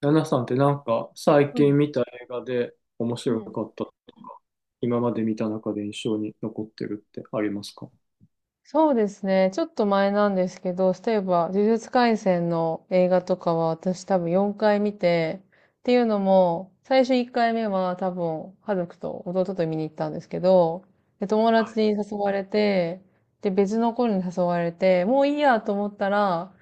ナナさんって最はい。近見た映画で面う白ん。かったとか、今まで見た中で印象に残ってるってありますか？そうですね。ちょっと前なんですけど、例えば、呪術廻戦の映画とかは私多分4回見て、っていうのも、最初1回目は多分、家族と弟と見に行ったんですけど、で、友は達いに誘われて、で、別の子に誘われて、もういいやと思ったら、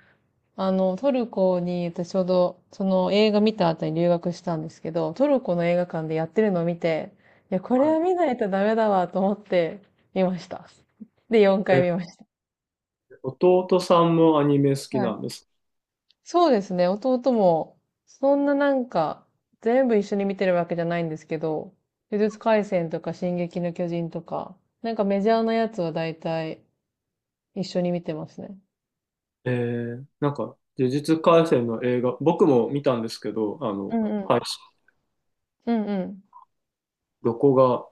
トルコに、私ちょうど、その映画見た後に留学したんですけど、トルコの映画館でやってるのを見て、いや、これははい。見ないとダメだわと思って見ました。で、4回え、見ました。弟さんもアニメ好きはない。んです。そうですね、弟も、そんな全部一緒に見てるわけじゃないんですけど、呪術廻戦とか進撃の巨人とか、なんかメジャーなやつは大体一緒に見てますね。呪術廻戦の映画、僕も見たんですけど、あうの、んう配ん。信、うんうん。どこが、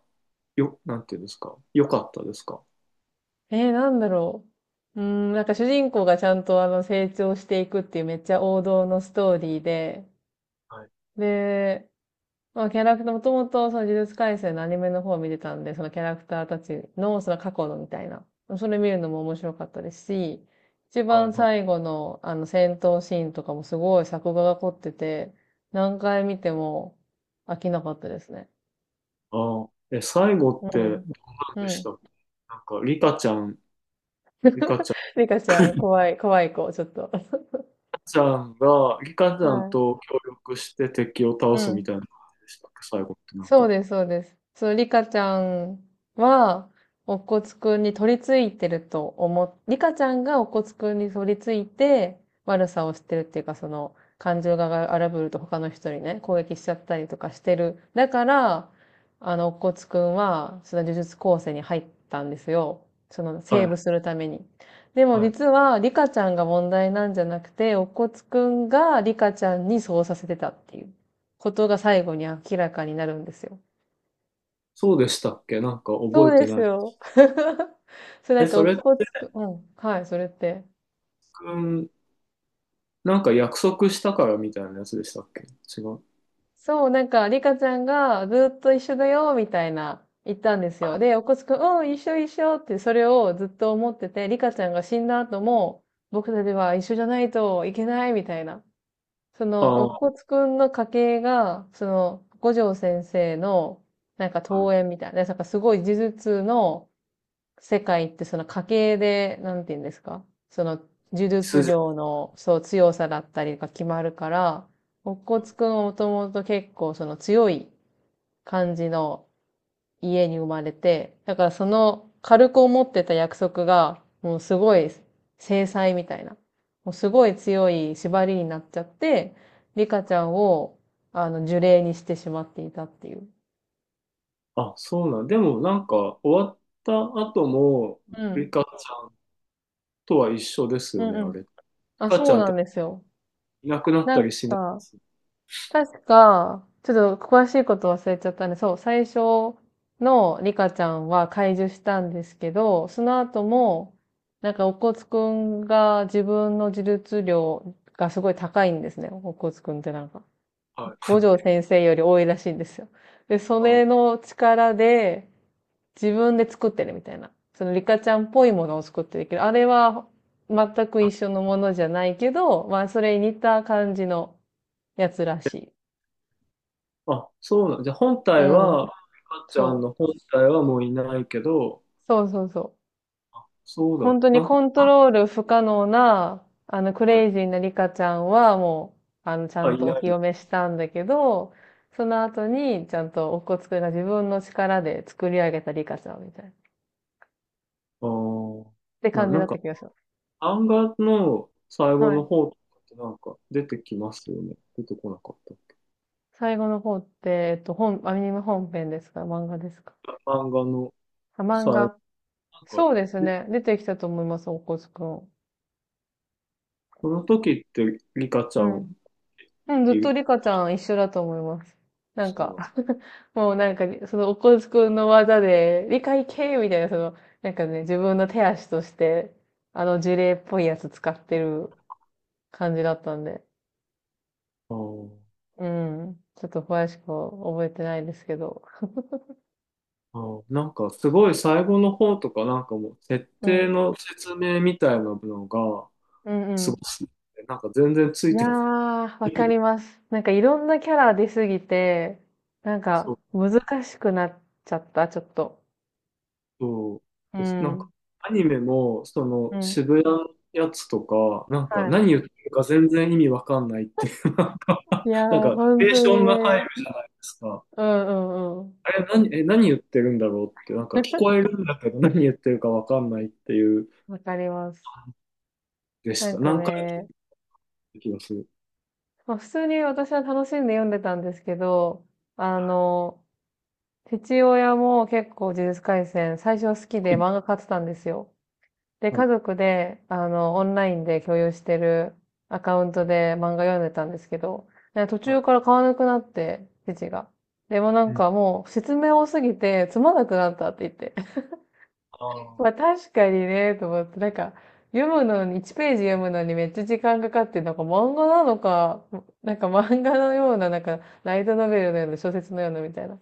よ、なんていうんですか、良かったですか？なんだろう。なんか主人公がちゃんと成長していくっていうめっちゃ王道のストーリーで、はいで、まあキャラクター、もともとその呪術廻戦のアニメの方を見てたんで、そのキャラクターたちのその過去のみたいな、それ見るのも面白かったですし、一はい番はい。最後のあの戦闘シーンとかもすごい作画が凝ってて、何回見ても飽きなかったですね。ああ、え、最後うってどうん。なうんでした？ん。なんか、リカちゃん、リカリカちゃん、怖い、怖い子、ちょっと。ちゃんが、リカちゃんはと協力して敵を倒い。うすみん。たいな感じでしたっけ、最後ってなんそうか。です、そうです。そう、リカちゃんは、おこつくんに取り付いてると思っ、リカちゃんがおこつくんに取り付いて、悪さをしてるっていうか、その、感情が荒ぶると他の人にね、攻撃しちゃったりとかしてる。だから、おこつくんは、その呪術高専に入ったんですよ。その、はセーい、ブするために。でもは実い。は、リカちゃんが問題なんじゃなくて、おこつくんがリカちゃんにそうさせてたっていうことが最後に明らかになるんですよ。そうでしたっけ、なんか覚えそうでてすない。よ。それなえ、んか、そおれっって、こつく、うん、はい、それって。うん、なんか約束したからみたいなやつでしたっけ？違う。そう、なんか、リカちゃんがずっと一緒だよ、みたいな言ったんですよ。で、おっこつくん、うん、一緒一緒ってそれをずっと思ってて、リカちゃんが死んだ後も、僕たちは一緒じゃないといけない、みたいな。そあの、おっあ、こつくんの家系が、その、五条先生の、なんか、はい。遠縁みたいな、なんかすごい呪術の、世界ってその家系で、なんて言うんですかその呪術筋。量の強さだったりが決まるから、乙骨くんはもともと結構その強い感じの家に生まれて、だからその軽く思ってた約束がもうすごい制裁みたいな、もうすごい強い縛りになっちゃって、リカちゃんを呪霊にしてしまっていたっていう。あ、そうなん。でもなんか、終わった後も、うリん。カちゃんとは一緒ですうよんね、うあん。れ。リあ、カちそうゃんっなてんですよ。いなくなっなたんりしないでか、す。確か、ちょっと詳しいこと忘れちゃったね。そう、最初のリカちゃんは解除したんですけど、その後も、なんか、お骨くんが自分の自立量がすごい高いんですね。お骨くんってなんか、はい。五条 先生より多いらしいんですよ。で、そあー、れの力で自分で作ってるみたいな。そのリカちゃんっぽいものを作ってるけど、あれは全く一緒のものじゃないけど、まあ、それに似た感じのやつらしい。あ、そうなん。じゃあ本う体ん。は、かっちゃんその本う。体はもういないけど、そうそうそう。そう本当にだ。なんコか、ントあ、ロール不可能な、クはい、レイジーなリカちゃんはもう、ちゃあんいとなおい。清めしたんだけど、その後に、ちゃんとおこつくんが自分の力で作り上げたリカちゃんみたいな。っあー、て感じなだんったか、気がします。漫画の最後はのい。方とかってなんか出てきますよね。出てこなかっ最後の方って、アニメ本編ですか漫画ですか？た。漫画のあ、漫最後、画。なんか、そうですで、ね。出てきたと思います、おこつくん。その時ってリカちうゃん。んうん、ずっいとる、リカちゃん一緒だと思います。なんそうか な もうなんか、そのおこづくんの技で、理解系みたいな、その、なんかね、自分の手足として、あの呪霊っぽいやつ使ってる感じだったんで。の。うん。ちょっと詳しく覚えてないですけど。あーあー、なんかすごい最後の方とかなんかもう設う定ん。の説明みたいなのがうんうすごん。すぎて、なんか全然ついいやてない。ー、わかります。なんかいろんなキャラ出すぎて、なんそかう難しくなっちゃった、ちょっと。そううです。なんか、ん。アニメも、そうの、ん。渋谷のやつとか、なんか、何は言ってるか全然意味わかんないっていう、い。いやなんー、か、ナ本レー当シにョンが入るね。じゃないですか。うんうんうん。あれ、何、え、何言ってるんだろうって、なんか、聞こ えるんだけど、何言ってるかわかんないっていう、わかります。でしなんた。か何回聞いね、た気がする。まあ、普通に私は楽しんで読んでたんですけど、あの、父親も結構呪術廻戦最初好きで漫画買ってたんですよ。で、家は族で、オンラインで共有してるアカウントで漫画読んでたんですけど、ね途い。は中い。から買わなくなって、父が。でもなうんん。かもう説明多すぎてつまんなくなったってあーまあ確かにね、と思って、読むのに、1ページ読むのにめっちゃ時間かかって、なんか漫画なのか、なんか漫画のような、なんか、ライトノベルのような、小説のようなみたいな。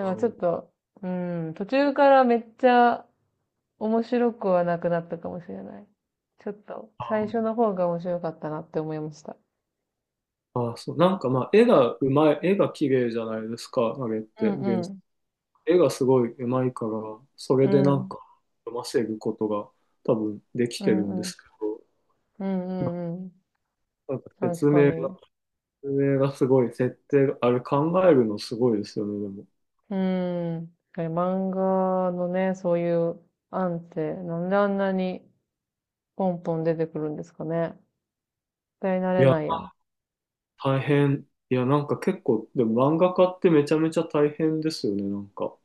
うんかちょっんと、うん、途中からめっちゃ面白くはなくなったかもしれない。ちょっと、あ最ー、初の方が面白かったなって思いました。あーそう、なんかまあ、絵がうまい、絵が綺麗じゃないですか、あれっうて、んう原ん。絵がすごい上手いから、それうでなんん。か読ませることが多分できうてるんでんうん。すけど、うんうんうん。なんか確説か明が、に。説明がすごい、設定が、あれ考えるのすごいですよね、でも。うーん。漫画のね、そういう案って、なんであんなにポンポン出てくるんですかね。絶対慣いれや、ないや。大変。いや、なんか結構、でも漫画家ってめちゃめちゃ大変ですよね、なんか。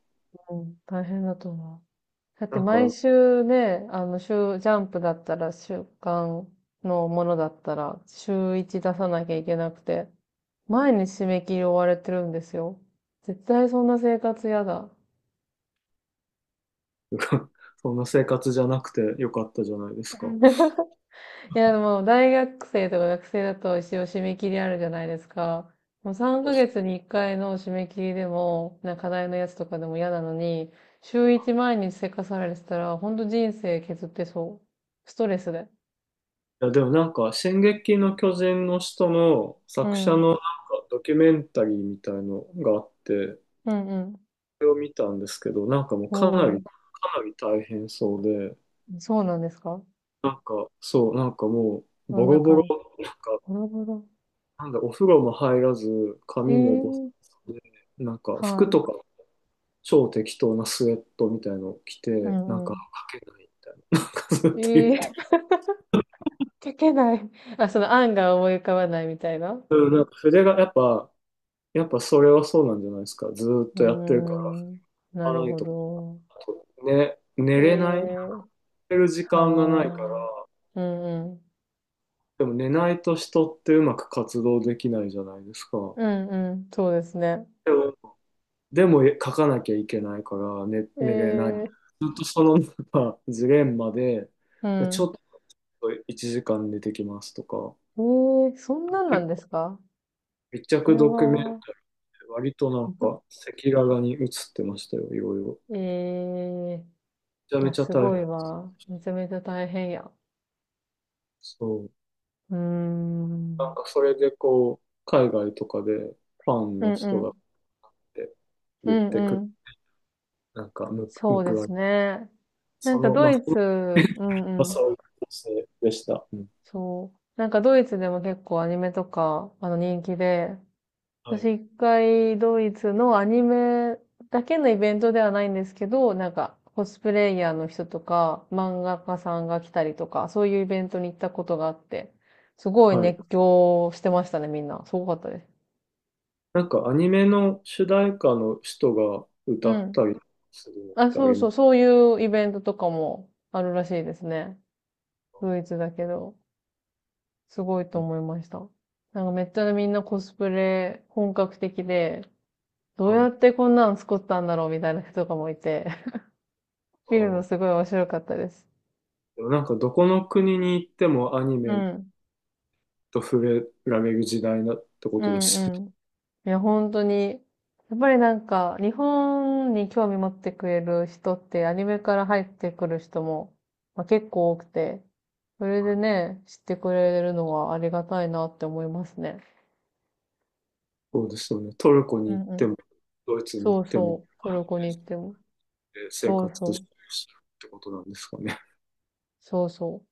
うん、大変だと思う。だってなん毎か、週ね、ジャンプだったら、週刊のものだったら、週一出さなきゃいけなくて、毎日締め切り追われてるんですよ。絶対そんな生活やだ。そんな生活じゃなくてよかったじゃないですか。いや、でも、大学生とか学生だと一応締め切りあるじゃないですか。もう3ヶ月に1回の締め切りでも、なんか課題のやつとかでも嫌なのに、週1毎日せかされてたら、ほんと人生削ってそう。ストレスで。いや、でもなんか、進撃の巨人の人のう作者ん。のなんかドキュメンタリーみたいのがあって、うんうん。れを見たんですけど、なんかもうおー、かなり大変そうで、そうなんですか？なんか、そう、なんかもう、そボんロなボロ、感じ。なんか、なるほど。なんだ、お風呂も入らず、え髪もボサー、ボサで、なんか、は服い。とか、超適当なスウェットみたいのを着うて、なんんか、うん。書けないみたいな、なんかずっと言っえて、ー、書けない。あ、その案が思い浮かばないみたいな。ううんなんか筆が、やっぱそれはそうなんじゃないですか。ずーっーとやってるから、ん。な拭かるないほとか、ど。ね、寝えれない、え。寝る時は間がないあ。から、うんうん。でも寝ないと人ってうまく活動できないじゃないですか。うんうん。そうですね。でも、でも書かなきゃいけないから寝れない。ずええ。っとそのなんか ジレンマで、うちょっん。と1時間寝てきますとか、ええ、そんなんな結んで構すか？密こ着れドキュメントは、割となんか赤裸々に映ってましたよ、いろいろ。めええ。ちゃいめや、ちゃす大変。ごいわ。めちゃめちゃ大変や。そう。うーなんん。かそれでこう、海外とかでファンうのんう人がん。ってう言っんてくうる、ん。なんかむそうで報わすれ、ね。なそんかの、ドまあ、イツ、うんまあ、うん。そういう形でした。うん、そう。なんかドイツでも結構アニメとか、あの人気で、はい。私一回ドイツのアニメだけのイベントではないんですけど、なんかコスプレイヤーの人とか漫画家さんが来たりとか、そういうイベントに行ったことがあって、すごいはい。熱狂してましたね、みんな。すごかったです。なんかアニメの主題歌の人がう歌っん。たりするのっあ、てあそうりまそう、すそういうイベントとかもあるらしいですね。か？ドイツだけど、すごいうとん思いました。なんかめっちゃみんなコスプレ本格的で、どかうはやっい。てこんなの作ったんだろうみたいな人とかもいて、あ見るのー、すごい面白かったです。でもなんかどこの国に行ってもアニうメん。と触れられる時代だってこうとですね。んうん。いや、本当に。やっぱりなんか、日本に興味持ってくれる人って、アニメから入ってくる人も、まあ、結構多くて、それはでい、ね、知ってくれるのはありがたいなって思いますね。そうですよね。トルコうに行っんうてん。も、ドイツに行そっうても、そう。トルコに行っても。生そ活うしてるそう。ってことなんですかね。そうそう。